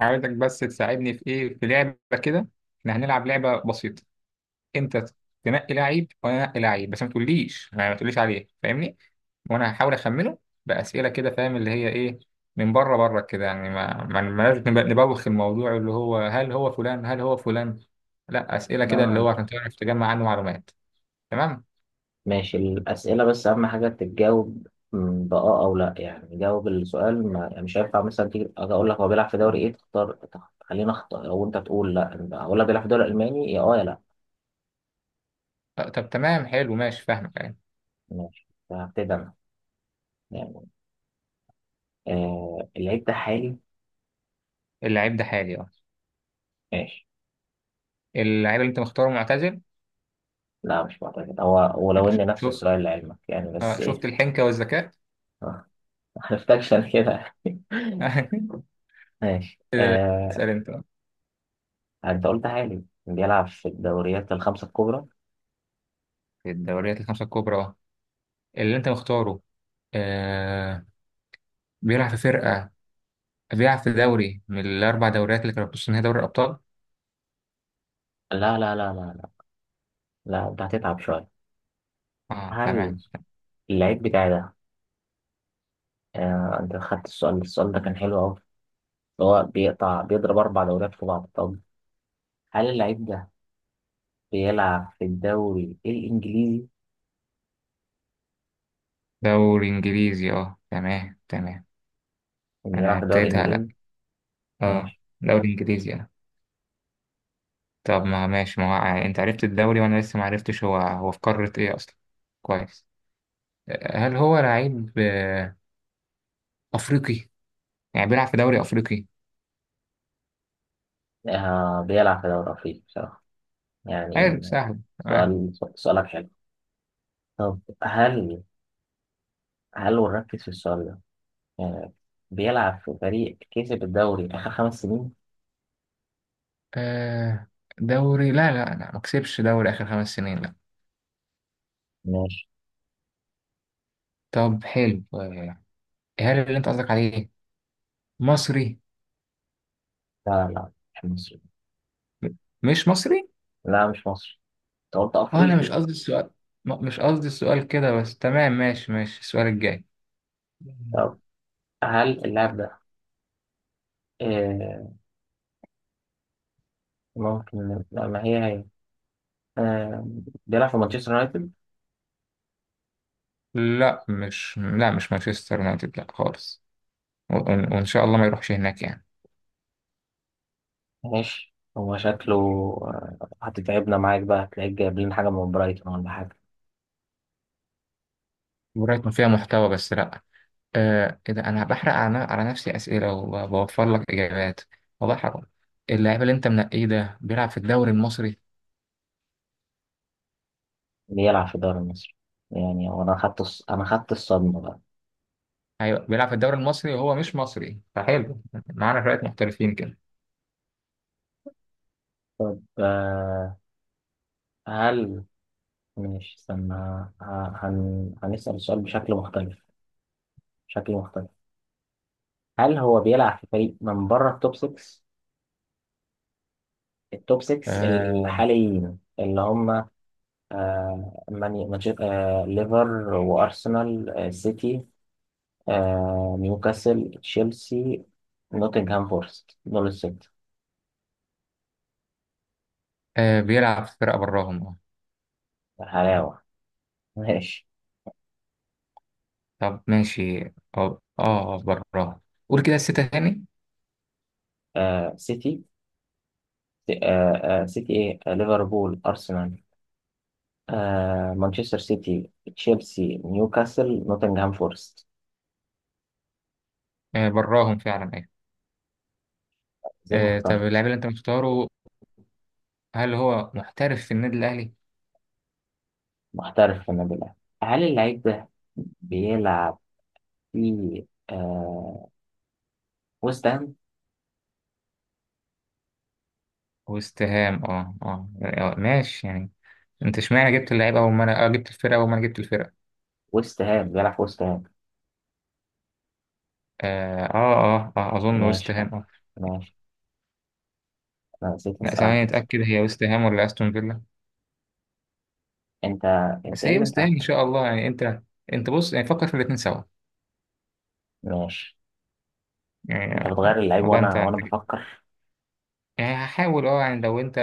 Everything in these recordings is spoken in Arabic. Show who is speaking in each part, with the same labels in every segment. Speaker 1: عايزك بس تساعدني في ايه في لعبه كده. احنا هنلعب لعبه بسيطه. انت تنقي لعيب وانا انقي لعيب، بس ما تقوليش، ما تقوليش عليه، فاهمني؟ وانا هحاول اخمنه باسئله كده، فاهم اللي هي ايه؟ من بره كده، يعني ما لازم نبوخ الموضوع اللي هو هل هو فلان هل هو فلان. لا اسئله كده اللي
Speaker 2: نوعا.
Speaker 1: هو عشان تعرف تجمع عنه معلومات. تمام.
Speaker 2: ماشي، الأسئلة بس أهم حاجة تتجاوب م، بآه أو لأ. يعني جاوب السؤال، ما يعني مش هينفع مثلا تيجي أقول لك هو بيلعب في دوري إيه، تختار خلينا أخطأ، أو أنت تقول لأ. أقول لك بيلعب في الدوري الألماني، يا أه يا لأ.
Speaker 1: طب تمام، حلو، ماشي، فاهمك يعني.
Speaker 2: ماشي فهبتدي أنا. يعني آه، اللعيب ده حالي.
Speaker 1: اللعيب ده حالي اه.
Speaker 2: ماشي،
Speaker 1: اللعيب اللي انت مختاره معتزل.
Speaker 2: لا مش معتقد، هو ولو إن نفس
Speaker 1: شفت؟
Speaker 2: السؤال لعلمك يعني، بس
Speaker 1: شفت
Speaker 2: إيه.
Speaker 1: الحنكه والذكاء.
Speaker 2: آه، ما عرفتكش أنا كده. ماشي
Speaker 1: آه.
Speaker 2: آه.
Speaker 1: اسأل انت بقى.
Speaker 2: أنت قلت حالي، بيلعب في الدوريات الخمسة الكبرى.
Speaker 1: في الدوريات الخمسة الكبرى اللي أنت مختاره آه. بيلعب في فرقة. بيلعب في دوري من الأربع دوريات اللي كانوا بتص نهائي دوري الأبطال؟
Speaker 2: لا لا لا لا لا، لا أنت هتتعب شوية.
Speaker 1: أه تمام.
Speaker 2: هل اللعيب بتاعي ده، آه، انت خدت السؤال، السؤال ده كان حلو قوي، هو بيقطع بيضرب اربع دوريات في بعض. طب هل اللعيب ده بيلعب في الدوري الانجليزي؟
Speaker 1: دوري إنجليزي أه، تمام تمام.
Speaker 2: اللي يلعب
Speaker 1: أنا
Speaker 2: في الدوري
Speaker 1: ابتديت هلا.
Speaker 2: الانجليزي.
Speaker 1: أه.
Speaker 2: ماشي،
Speaker 1: دوري إنجليزي أه. طب ما ماشي، ما هو- يعني أنت عرفت الدوري وأنا لسه ما عرفتش هو هو في قارة إيه أصلا. كويس. هل هو لعيب أفريقي؟ يعني بيلعب في دوري أفريقي؟
Speaker 2: آه بيلعب في الدوري الافريقي بصراحه يعني.
Speaker 1: حلو، سهل. آه.
Speaker 2: سؤال سؤالك حلو. طب هل، هل ونركز في السؤال ده يعني، بيلعب في فريق كسب الدوري اخر خمس سنين؟
Speaker 1: آه. دوري لا لا لا، ما كسبش دوري آخر خمس سنين، لا.
Speaker 2: ماشي،
Speaker 1: طب حلو هل اللي أنت قصدك عليه مصري؟
Speaker 2: لا لا مش مصري.
Speaker 1: م- مش مصري؟
Speaker 2: لا مش مصري، انت قلت
Speaker 1: أه أنا مش
Speaker 2: افريقي.
Speaker 1: قصدي السؤال. مش قصدي السؤال كده، بس تمام ماشي ماشي، السؤال الجاي.
Speaker 2: طب هل اللاعب ده، آه، ممكن لا، ما هي هي، آه، بيلعب في مانشستر يونايتد؟
Speaker 1: لا مش، لا مش مانشستر يونايتد، لا خالص. وإن شاء الله ما يروحش هناك يعني.
Speaker 2: ماشي، هو شكله، آه، هتتعبنا معاك بقى، هتلاقيك جايب لنا حاجة من برايتون ولا حاجة.
Speaker 1: برايتون فيها محتوى بس لا. آه إيه ده، أنا بحرق على نفسي أسئلة وبوفر لك إجابات، والله حرام. اللاعب اللي أنت منقيه ده بيلعب في الدوري المصري.
Speaker 2: بيلعب في الدوري المصري؟ يعني هو، أنا خدت الصدمة بقى.
Speaker 1: ايوه بيلعب في الدوري المصري وهو مش مصري، فحلو، معانا شويه محترفين كده.
Speaker 2: طب آه، هل، ماشي استنى، هنسأل السؤال بشكل مختلف، بشكل مختلف. هل هو بيلعب في فريق من بره التوب 6؟ التوب 6
Speaker 1: آه.
Speaker 2: الحاليين اللي هم، آه مانشستر، آه ليفر وأرسنال، آه سيتي، آه نيوكاسل، تشيلسي، نوتنغهام فورست، دول الستة.
Speaker 1: آه بيلعب في فرقه براهم اه.
Speaker 2: حلاوة. ماشي،
Speaker 1: طب ماشي. اه اه براهم. قول كده الستة تاني.
Speaker 2: آه سيتي، آه آه سيتي إيه آه ليفربول، أرسنال، آه مانشستر سيتي، تشيلسي، نيوكاسل، نوتنغهام فورست.
Speaker 1: آه براهم فعلا، ايوه.
Speaker 2: زي ما
Speaker 1: آه طب
Speaker 2: اخترت.
Speaker 1: اللاعب اللي انت مختاره، هل هو محترف في النادي الاهلي؟
Speaker 2: محترف في النادي الأهلي. هل اللعيب ده بيلعب في آه ويست هام؟
Speaker 1: وسام اه اه ماشي يعني. انت اشمعنى جبت اللعيبه اول ما انا اه جبت الفرقه اول ما انا جبت الفرقه.
Speaker 2: ويست هام، بيلعب في ويست هام.
Speaker 1: اه اه. آه. آه اظن وست
Speaker 2: ماشي خلاص.
Speaker 1: هام اه.
Speaker 2: ماشي، انا نسيت
Speaker 1: لا
Speaker 2: اسال
Speaker 1: ثواني
Speaker 2: عنك، نسيت.
Speaker 1: اتاكد، هي وست هام ولا استون فيلا؟
Speaker 2: انت انت
Speaker 1: بس
Speaker 2: ايه
Speaker 1: هي
Speaker 2: اللي انت
Speaker 1: بس يعني ان
Speaker 2: عارفه؟
Speaker 1: شاء الله يعني انت. انت بص، يعني فكر في الاتنين سوا
Speaker 2: ماشي، انت بتغير
Speaker 1: يعني.
Speaker 2: اللعيب،
Speaker 1: والله انت
Speaker 2: وانا بفكر.
Speaker 1: يعني هحاول اه يعني لو انت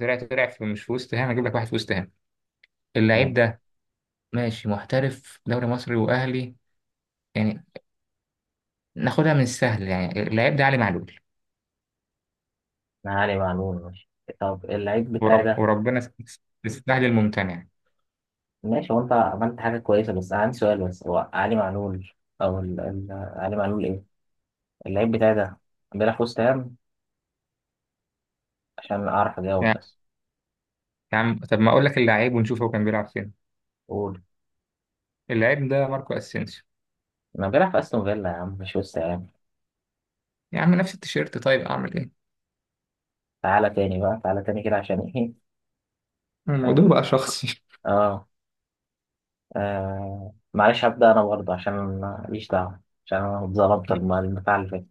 Speaker 1: طلعت، طلع في مش في وست هام، هجيب لك واحد في وست هام. اللعيب
Speaker 2: انا
Speaker 1: ده ماشي محترف دوري مصري واهلي يعني، ناخدها من السهل يعني. اللعيب ده علي معلول.
Speaker 2: علي معلول. ماشي، طب اللعيب بتاعي ده،
Speaker 1: وربنا السهل الممتنع يعني.
Speaker 2: ماشي. هو انت عملت حاجه كويسه، بس انا عندي سؤال بس. هو علي معلول او ال... ال... علي معلول ايه. اللعيب بتاعي ده بيلعب في وست هام، عشان اعرف اجاوب بس.
Speaker 1: يا عم طب ما اقول لك اللعيب ونشوف هو كان بيلعب فين.
Speaker 2: قول.
Speaker 1: اللعيب ده ماركو اسينسيو.
Speaker 2: انا بيلعب في استون فيلا يا عم، مش وست هام.
Speaker 1: يا عم نفس التيشيرت، طيب اعمل ايه؟
Speaker 2: تعالى تاني بقى، تعالى تاني كده، عشان ايه.
Speaker 1: الموضوع
Speaker 2: اه,
Speaker 1: بقى شخصي.
Speaker 2: آه. آه. معلش هبدأ انا برضه، عشان ماليش دعوه، عشان انا اتظلمت البتاع اللي فات.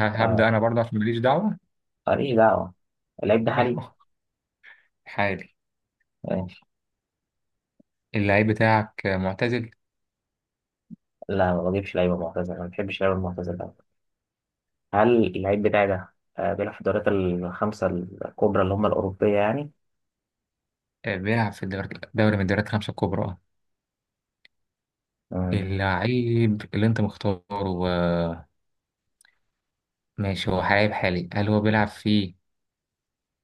Speaker 1: هبدأ
Speaker 2: آه،
Speaker 1: انا برضه عشان ماليش دعوة.
Speaker 2: ماليش دعوة. اللعيب ده حالي.
Speaker 1: ايوه حالي.
Speaker 2: ماشي،
Speaker 1: اللعيب بتاعك معتزل.
Speaker 2: لا ما بجيبش لعيبة معتزلة، ما بحبش اللعيبة المعتزلة. هل اللعيب بتاعي ده، آه، بيلعب في الدوريات الخمسة الكبرى اللي هم الأوروبية يعني؟
Speaker 1: بيلعب في الدوري، دوري من الدوريات الخمسة الكبرى اه.
Speaker 2: مم.
Speaker 1: اللعيب اللي انت مختاره آه، ماشي، هو لعيب حالي، هل هو بيلعب في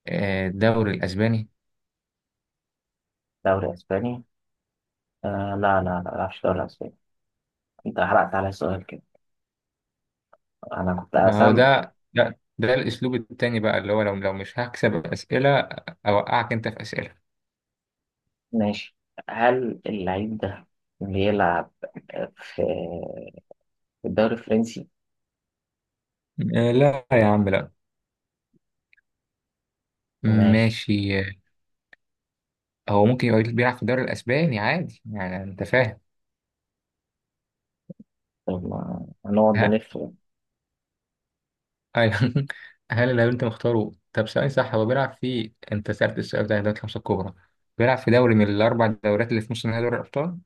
Speaker 1: الدوري الأسباني؟
Speaker 2: دوري أسباني؟ آه لا لا لا، ما بلعبش دوري أسباني. أنت حرقت على السؤال كده، أنا كنت
Speaker 1: ما هو
Speaker 2: أسام.
Speaker 1: ده ده الأسلوب التاني بقى، اللي هو لو لو مش هكسب أسئلة أوقعك أنت في أسئلة.
Speaker 2: ماشي، هل اللعيب ده بيلعب في الدوري الفرنسي؟
Speaker 1: لا يا عم لا.
Speaker 2: ماشي،
Speaker 1: ماشي آه. هو ممكن يبقى بيلعب في الدوري الأسباني عادي يعني، أنت فاهم.
Speaker 2: طب ما هنقعد نلف.
Speaker 1: أيوة. هل اللي أنت مختاره، طب ثواني، صح هو بيلعب في، أنت سألت السؤال ده دوري الخمسة الكبرى، بيلعب في دوري من الأربع دوريات اللي في نص نهائي دوري الأبطال.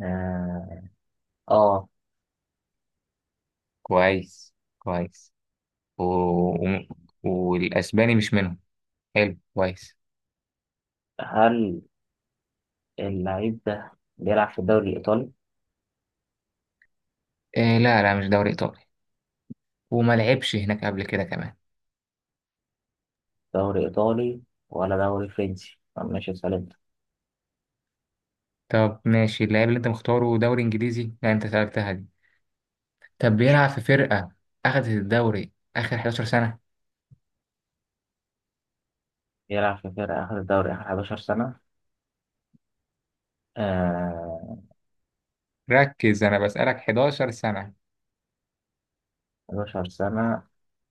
Speaker 2: آه آه.
Speaker 1: كويس كويس. و... و... والأسباني مش منهم. حلو كويس.
Speaker 2: هل اللعيب ده بيلعب في الدوري الإيطالي؟
Speaker 1: إيه لا لا، مش دوري إيطالي، وما لعبش هناك قبل كده كمان.
Speaker 2: دوري إيطالي ولا دوري فرنسي، طب ماشي سألت.
Speaker 1: طب ماشي، اللاعب اللي أنت مختاره دوري إنجليزي، لا أنت سألتها دي. طب بيلعب في فرقة أخدت الدوري آخر 11 سنة.
Speaker 2: يلعب في فرقة آخر الدوري آخر 11 سنة؟ آه
Speaker 1: ركز أنا بسألك 11 سنة.
Speaker 2: 11 سنة.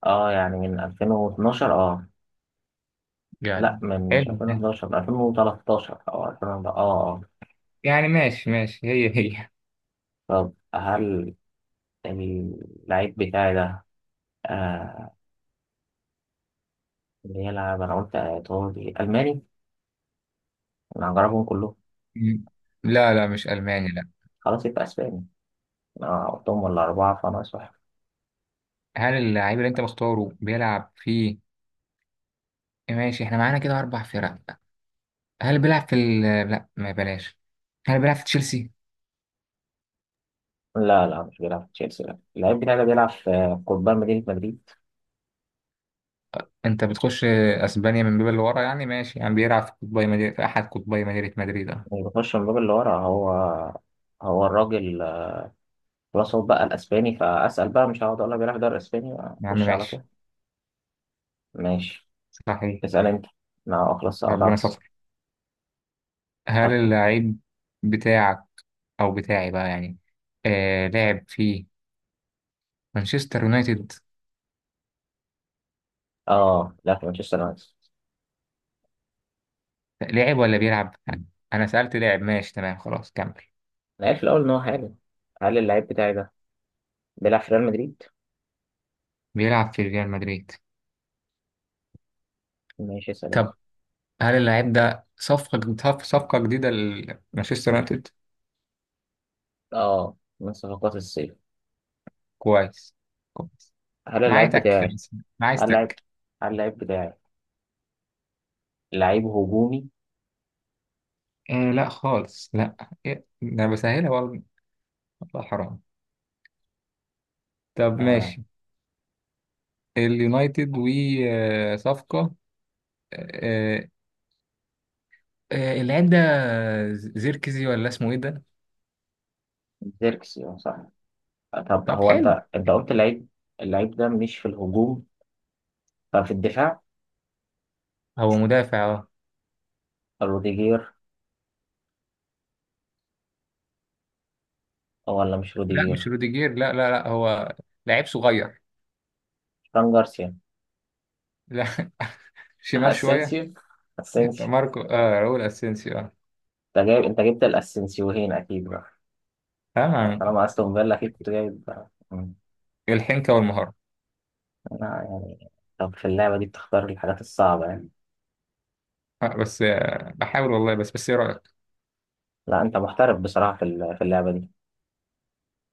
Speaker 2: اه يعني من 2012، اه لا،
Speaker 1: يعني
Speaker 2: من مش
Speaker 1: حلو
Speaker 2: 2011، من 2013 أو 2000، اه.
Speaker 1: يعني، ماشي ماشي، هي هي.
Speaker 2: طب هل اللعيب بتاعي ده، آه، بيلعب، أنا قلت إيطالي، ألماني، أنا هجربهم كلهم.
Speaker 1: مم. لا لا، مش ألماني، لا.
Speaker 2: خلاص يبقى أسباني، أنا قلتهم ولا أربعة فأنا واحد.
Speaker 1: هل اللعيب اللي أنت مختاره بيلعب في، ماشي إحنا معانا كده أربع فرق، هل بيلعب في لا ما بلاش، هل بيلعب في تشيلسي؟
Speaker 2: لا لا، مش بيلعب في تشيلسي، لا. اللعيب بتاعي ده بيلعب في قضبان مدينة مدريد.
Speaker 1: أنت بتخش أسبانيا من باب اللي ورا يعني، ماشي يعني بيلعب في قطبي مدينة، في أحد قطبي مدينة مدريد أه.
Speaker 2: اللي بخش من الباب اللي ورا، هو الراجل. خلاص هو بقى الاسباني، فاسال بقى، مش هقعد اقول لك بيعرف يدرس اسباني.
Speaker 1: يا عم
Speaker 2: اخش على طول.
Speaker 1: ماشي.
Speaker 2: ماشي،
Speaker 1: صحيح.
Speaker 2: اسال انت، انا خلاص
Speaker 1: ربنا
Speaker 2: قطعت.
Speaker 1: ستر. هل
Speaker 2: حط،
Speaker 1: اللعيب بتاعك، أو بتاعي بقى يعني، آه لعب في مانشستر يونايتد؟
Speaker 2: اه، لا في مانشستر يونايتد.
Speaker 1: لعب ولا بيلعب؟ انا سألته لعب، ماشي تمام خلاص كمل.
Speaker 2: انا عارف الاول ان هو حالي. هل اللعيب بتاعي ده بيلعب في ريال مدريد؟
Speaker 1: بيلعب في ريال مدريد.
Speaker 2: ماشي، اسال انت.
Speaker 1: طب هل اللاعب ده صفقة صفقة جديدة لمانشستر يونايتد؟
Speaker 2: اه من صفقات الصيف.
Speaker 1: كويس كويس.
Speaker 2: هل
Speaker 1: معايا
Speaker 2: اللعيب
Speaker 1: تك
Speaker 2: بتاعي،
Speaker 1: بس. معايا
Speaker 2: هل اللعيب،
Speaker 1: تك.
Speaker 2: هل اللعيب بتاعي لعيب هجومي؟
Speaker 1: آه لا خالص لا. إيه؟ ده أنا بسهلها والله، والله حرام. طب
Speaker 2: آه.
Speaker 1: ماشي، اليونايتد وصفقة آه آه، اللاعب ده زيركزي ولا اسمه ايه ده؟
Speaker 2: زيركسي، اه صح. طب
Speaker 1: طب
Speaker 2: هو
Speaker 1: حلو.
Speaker 2: انت، قلت اللعيب، اللعيب ده مش في الهجوم، ففي الدفاع.
Speaker 1: هو مدافع.
Speaker 2: روديجير، أو ولا مش
Speaker 1: لا مش
Speaker 2: روديجير.
Speaker 1: روديجير، لا لا لا، هو لعيب صغير.
Speaker 2: فران جارسيا.
Speaker 1: لا. شمال شوية.
Speaker 2: اسينسيو، اسينسيو.
Speaker 1: ماركو آه راؤول اسينسيو اه.
Speaker 2: انت جايب، انت جبت الاسينسيوهين اكيد بقى.
Speaker 1: آه.
Speaker 2: طالما استون فيلا اكيد كنت جايب بقى. مم.
Speaker 1: الحنكة والمهارة.
Speaker 2: لا يعني، طب في اللعبه دي بتختار الحاجات الصعبه يعني.
Speaker 1: آه بس آه بحاول والله، بس بس ايه رأيك؟
Speaker 2: لا انت محترف بصراحه، في في اللعبه دي.